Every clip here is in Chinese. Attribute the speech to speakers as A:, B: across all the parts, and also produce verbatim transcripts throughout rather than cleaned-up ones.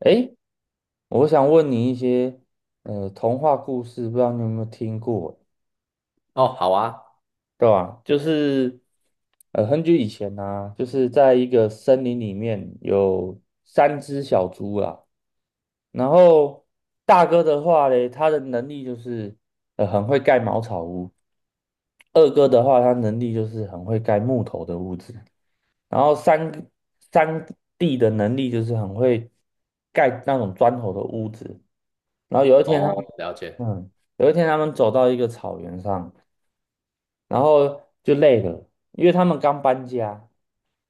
A: 诶，我想问你一些呃童话故事，不知道你有没有听过，
B: 哦，好啊。
A: 对吧？就是呃很久以前啊，就是在一个森林里面有三只小猪啦。然后大哥的话嘞，他的能力就是呃很会盖茅草屋，二哥的话他能力就是很会盖木头的屋子，然后三三弟的能力就是很会盖那种砖头的屋子。然后有一天他们，
B: 哦，了解。
A: 嗯，有一天他们走到一个草原上，然后就累了，因为他们刚搬家，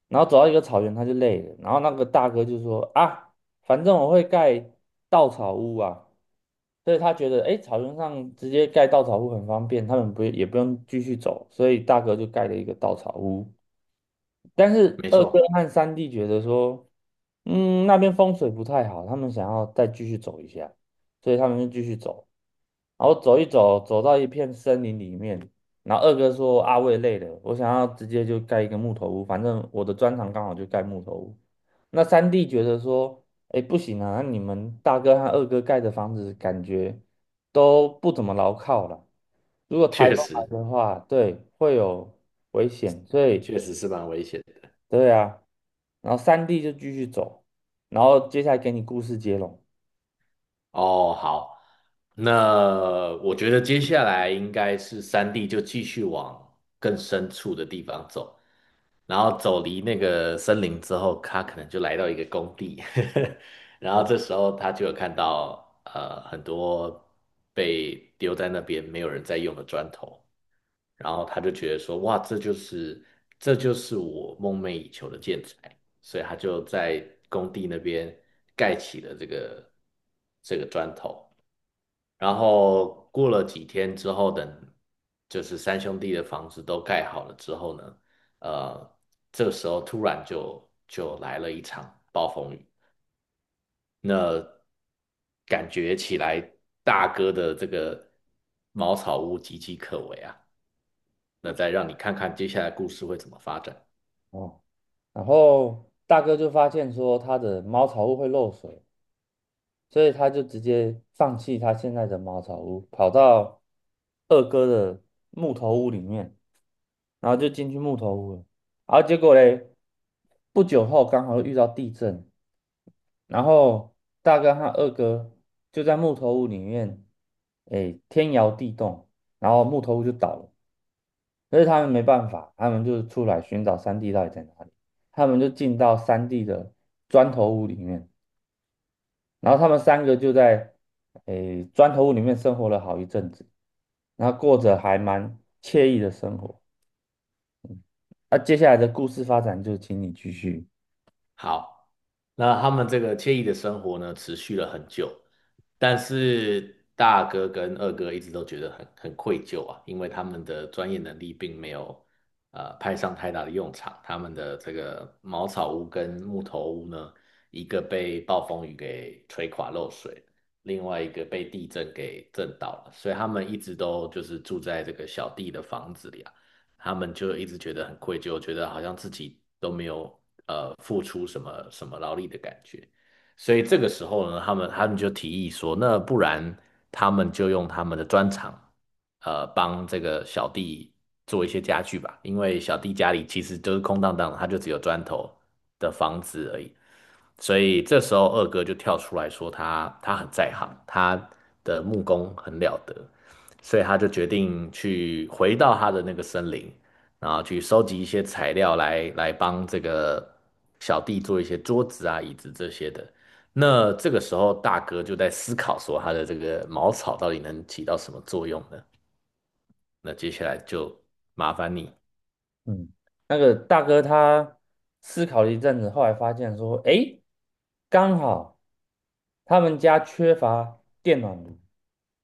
A: 然后走到一个草原他就累了，然后那个大哥就说啊，反正我会盖稻草屋啊，所以他觉得哎，诶草原上直接盖稻草屋很方便，他们不也不用继续走，所以大哥就盖了一个稻草屋。但是
B: 没
A: 二哥
B: 错。
A: 和三弟觉得说，嗯，那边风水不太好，他们想要再继续走一下，所以他们就继续走。然后走一走，走到一片森林里面，然后二哥说：“阿我也累了，我想要直接就盖一个木头屋，反正我的专长刚好就盖木头屋。”那三弟觉得说：“哎，不行啊，你们大哥和二哥盖的房子感觉都不怎么牢靠了，如果台
B: 确
A: 风来
B: 实。
A: 的话，对，会有危险，所以。”
B: 确实是蛮危险的。
A: 对啊，然后三弟就继续走，然后接下来给你故事接龙。
B: 哦，好。那我觉得接下来应该是三地就继续往更深处的地方走，然后走离那个森林之后，他可能就来到一个工地，然后
A: 哦
B: 这时候他就有看到呃很多被丢在那边没有人在用的砖头，然后他就觉得说，哇，这就是这就是我梦寐以求的建材，所以他就在工地那边盖起了这个这个砖头。然后过了几天之后，等就是三兄弟的房子都盖好了之后呢，呃，这个时候突然就就来了一场暴风雨。那感觉起来，大哥的这个茅草屋岌岌可危啊。那再让你看看接下来故事会怎么发展。
A: 哦，然后大哥就发现说他的茅草屋会漏水，所以他就直接放弃他现在的茅草屋，跑到二哥的木头屋里面，然后就进去木头屋了。然后结果嘞，不久后刚好遇到地震，然后大哥和二哥就在木头屋里面，哎，天摇地动，然后木头屋就倒了。可是他们没办法，他们就出来寻找三弟到底在哪里。他们就进到三弟的砖头屋里面，然后他们三个就在诶砖头屋里面生活了好一阵子，然后过着还蛮惬意的生活。那、啊接下来的故事发展就请你继续。
B: 好。那他们这个惬意的生活呢，持续了很久，但是大哥跟二哥一直都觉得很很愧疚啊，因为他们的专业能力并没有呃派上太大的用场，他们的这个茅草屋跟木头屋呢，一个被暴风雨给吹垮漏水，另外一个被地震给震倒了，所以他们一直都就是住在这个小弟的房子里啊。他们就一直觉得很愧疚，觉得好像自己都没有呃付出什么什么劳力的感觉。所以这个时候呢，他们他们就提议说，那不然他们就用他们的砖厂，呃，帮这个小弟做一些家具吧，因为小弟家里其实都是空荡荡的，他就只有砖头的房子而已。所以这时候二哥就跳出来说他他很在行，他的木工很了得，所以他就决定去回到他的那个森林，然后去收集一些材料来来帮这个小弟做一些桌子啊、椅子这些的。那这个时候，大哥就在思考说，他的这个茅草到底能起到什么作用呢？那接下来就麻烦你。
A: 嗯，那个大哥他思考了一阵子，后来发现说，诶，刚好他们家缺乏电暖炉，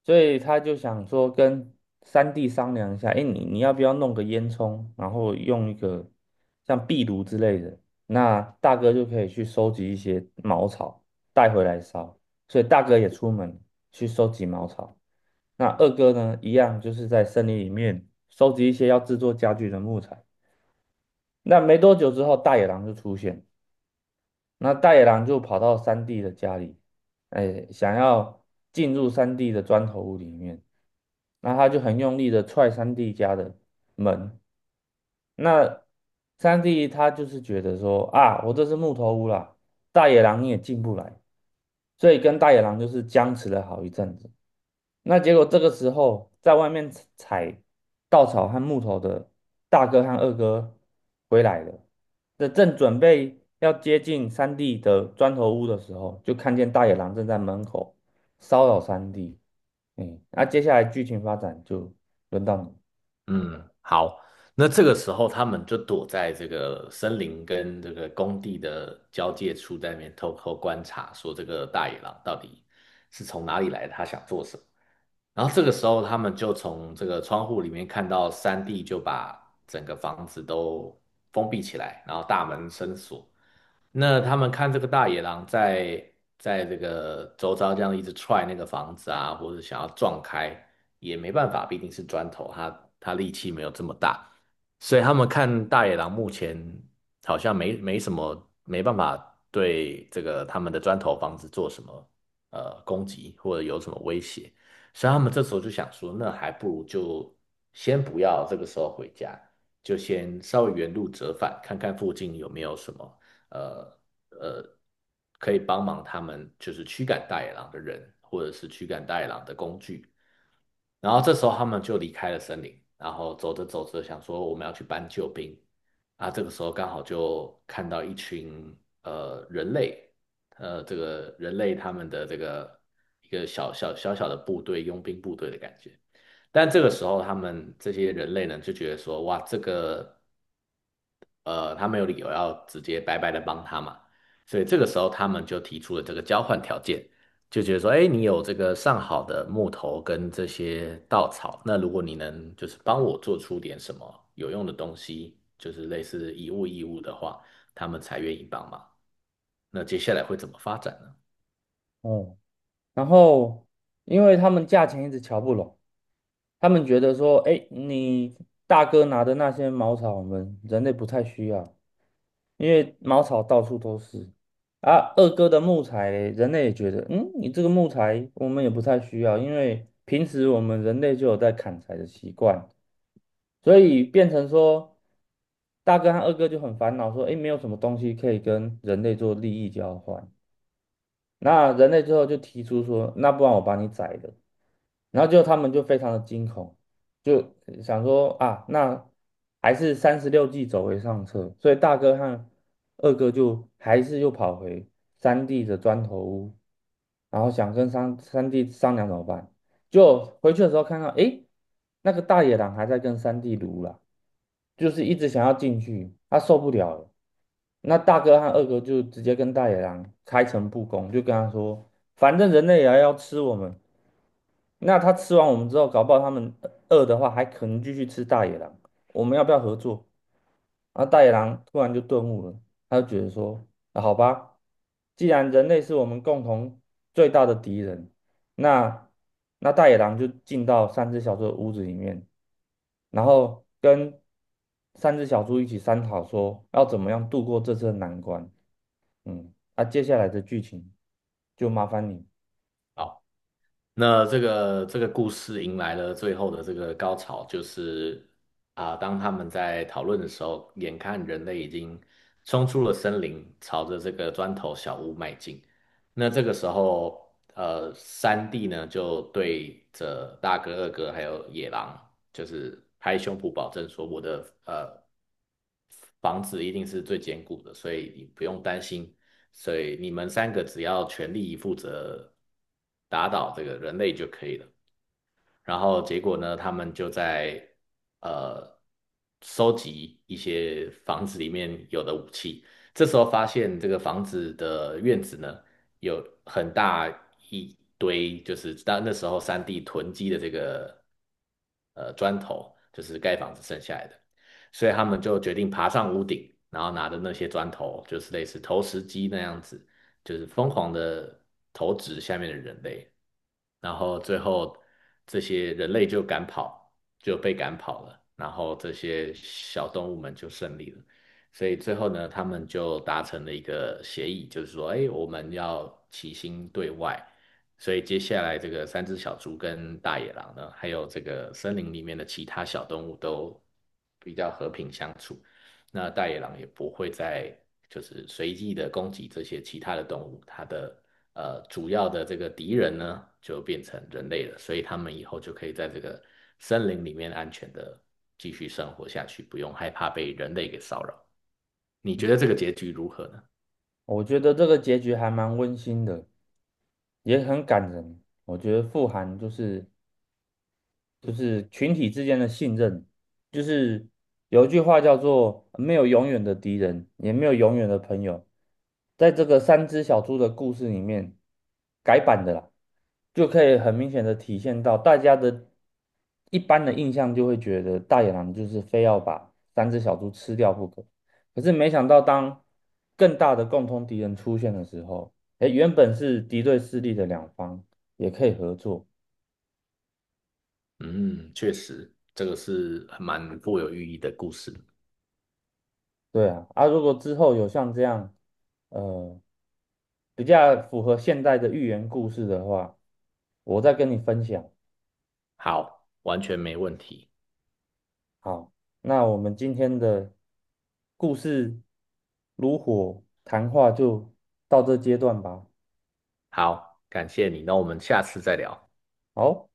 A: 所以他就想说跟三弟商量一下，诶，你你要不要弄个烟囱，然后用一个像壁炉之类的，那大哥就可以去收集一些茅草带回来烧，所以大哥也出门去收集茅草。那二哥呢，一样就是在森林里面收集一些要制作家具的木材。那没多久之后，大野狼就出现，那大野狼就跑到三弟的家里，哎，想要进入三弟的砖头屋里面，那他就很用力的踹三弟家的门，那三弟他就是觉得说啊，我这是木头屋啦，大野狼你也进不来，所以跟大野狼就是僵持了好一阵子。那结果这个时候，在外面采采稻草和木头的大哥和二哥回来了，这正准备要接近三弟的砖头屋的时候，就看见大野狼正在门口骚扰三弟。嗯，那、接下来剧情发展就轮到你。
B: 嗯，好。那这个时候，他们就躲在这个森林跟这个工地的交界处，在那边偷偷观察，说这个大野狼到底是从哪里来的他想做什么。然后这个时候，他们就从这个窗户里面看到三弟就把整个房子都封闭起来，然后大门深锁。那他们看这个大野狼在在这个周遭这样一直踹那个房子啊，或者想要撞开，也没办法，毕竟是砖头，它它力气没有这么大，所以他们看大野狼目前好像没没什么，没办法对这个他们的砖头房子做什么呃攻击或者有什么威胁，所以他们这时候就想说，那还不如就先不要这个时候回家，就先稍微原路折返，看看附近有没有什么。呃呃，可以帮忙他们就是驱赶大野狼的人，或者是驱赶大野狼的工具。然后这时候他们就离开了森林，然后走着走着想说我们要去搬救兵啊，这个时候刚好就看到一群呃人类，呃这个人类他们的这个一个小小小小的部队，佣兵部队的感觉。但这个时候，他们这些人类呢，就觉得说，哇，这个呃，他没有理由要直接白白的帮他嘛，所以这个时候他们就提出了这个交换条件，就觉得说，哎，你有这个上好的木头跟这些稻草，那如果你能就是帮我做出点什么有用的东西，就是类似以物易物的话，他们才愿意帮忙。那接下来会怎么发展呢？
A: 哦，然后因为他们价钱一直瞧不拢。他们觉得说，哎，你大哥拿的那些茅草，我们人类不太需要，因为茅草到处都是。啊，二哥的木材嘞人类也觉得，嗯，你这个木材我们也不太需要，因为平时我们人类就有在砍柴的习惯，所以变成说，大哥和二哥就很烦恼，说，哎，没有什么东西可以跟人类做利益交换。那人类最后就提出说，那不然我把你宰了。然后就他们就非常的惊恐，就想说啊，那还是三十六计走为上策。所以大哥和二哥就还是又跑回三弟的砖头屋，然后想跟三三弟商量怎么办。就回去的时候看到，诶，那个大野狼还在跟三弟撸啦。就是一直想要进去，他受不了了。那大哥和二哥就直接跟大野狼开诚布公，就跟他说，反正人类也要吃我们，那他吃完我们之后，搞不好他们饿的话，还可能继续吃大野狼。我们要不要合作？然后大野狼突然就顿悟了，他就觉得说：啊，好吧，既然人类是我们共同最大的敌人，那那大野狼就进到三只小猪的屋子里面，然后跟三只小猪一起商讨说要怎么样度过这次的难关。嗯，那、接下来的剧情就麻烦你，
B: 好。那这个这个故事迎来了最后的这个高潮，就是啊、当他们在讨论的时候，眼看人类已经冲出了森林，朝着这个砖头小屋迈进。那这个时候，呃，三弟呢就对着大哥、二哥还有野狼，就是拍胸脯保证说，我的呃房子一定是最坚固的，所以你不用担心所以你们三个只要全力以赴着打倒这个人类就可以了。然后结果呢，他们就在呃收集一些房子里面有的武器。这时候发现这个房子的院子呢，有很大一堆，就是当那时候三地囤积的这个呃砖头，就是盖房子剩下来的。所以他们就决定爬上屋顶，然后拿着那些砖头，就是类似投石机那样子，就是疯狂的投掷下面的人类，然后最后这些人类就赶跑，就被赶跑了，然后这些小动物们就胜利了。所以最后呢，他们就达成了一个协议，就是说，哎，我们要齐心对外。所以接下来这个三只小猪跟大野狼呢，还有这个森林里面的其他小动物都比较和平相处。那大野狼也不会再就是随意的攻击这些其他的动物，它的呃主要的这个敌人呢就变成人类了，所以他们以后就可以在这个森林里面安全的继续生活下去，不用害怕被人类给骚扰。你觉得这个结局如何呢？
A: 我觉得这个结局还蛮温馨的。也很感人。我觉得富含就是，就是群体之间的信任，就是有一句话叫做“没有永远的敌人，也没有永远的朋友”。在这个三只小猪的故事里面，改版的啦，就可以很明显的体现到大家的一般的印象，就会觉得大野狼就是非要把三只小猪吃掉不可。可是没想到，当更大的共同敌人出现的时候，哎，原本是敌对势力的两方也可以合作。
B: 嗯，确实，这个是蛮富有寓意的故事。
A: 对啊，啊，如果之后有像这样，呃，比较符合现代的寓言故事的话，我再跟你分享。
B: 好，完全没问题。
A: 好，那我们今天的故事炉火谈话就到这阶段吧。
B: 好，感谢你，那我们下次再聊。
A: 好。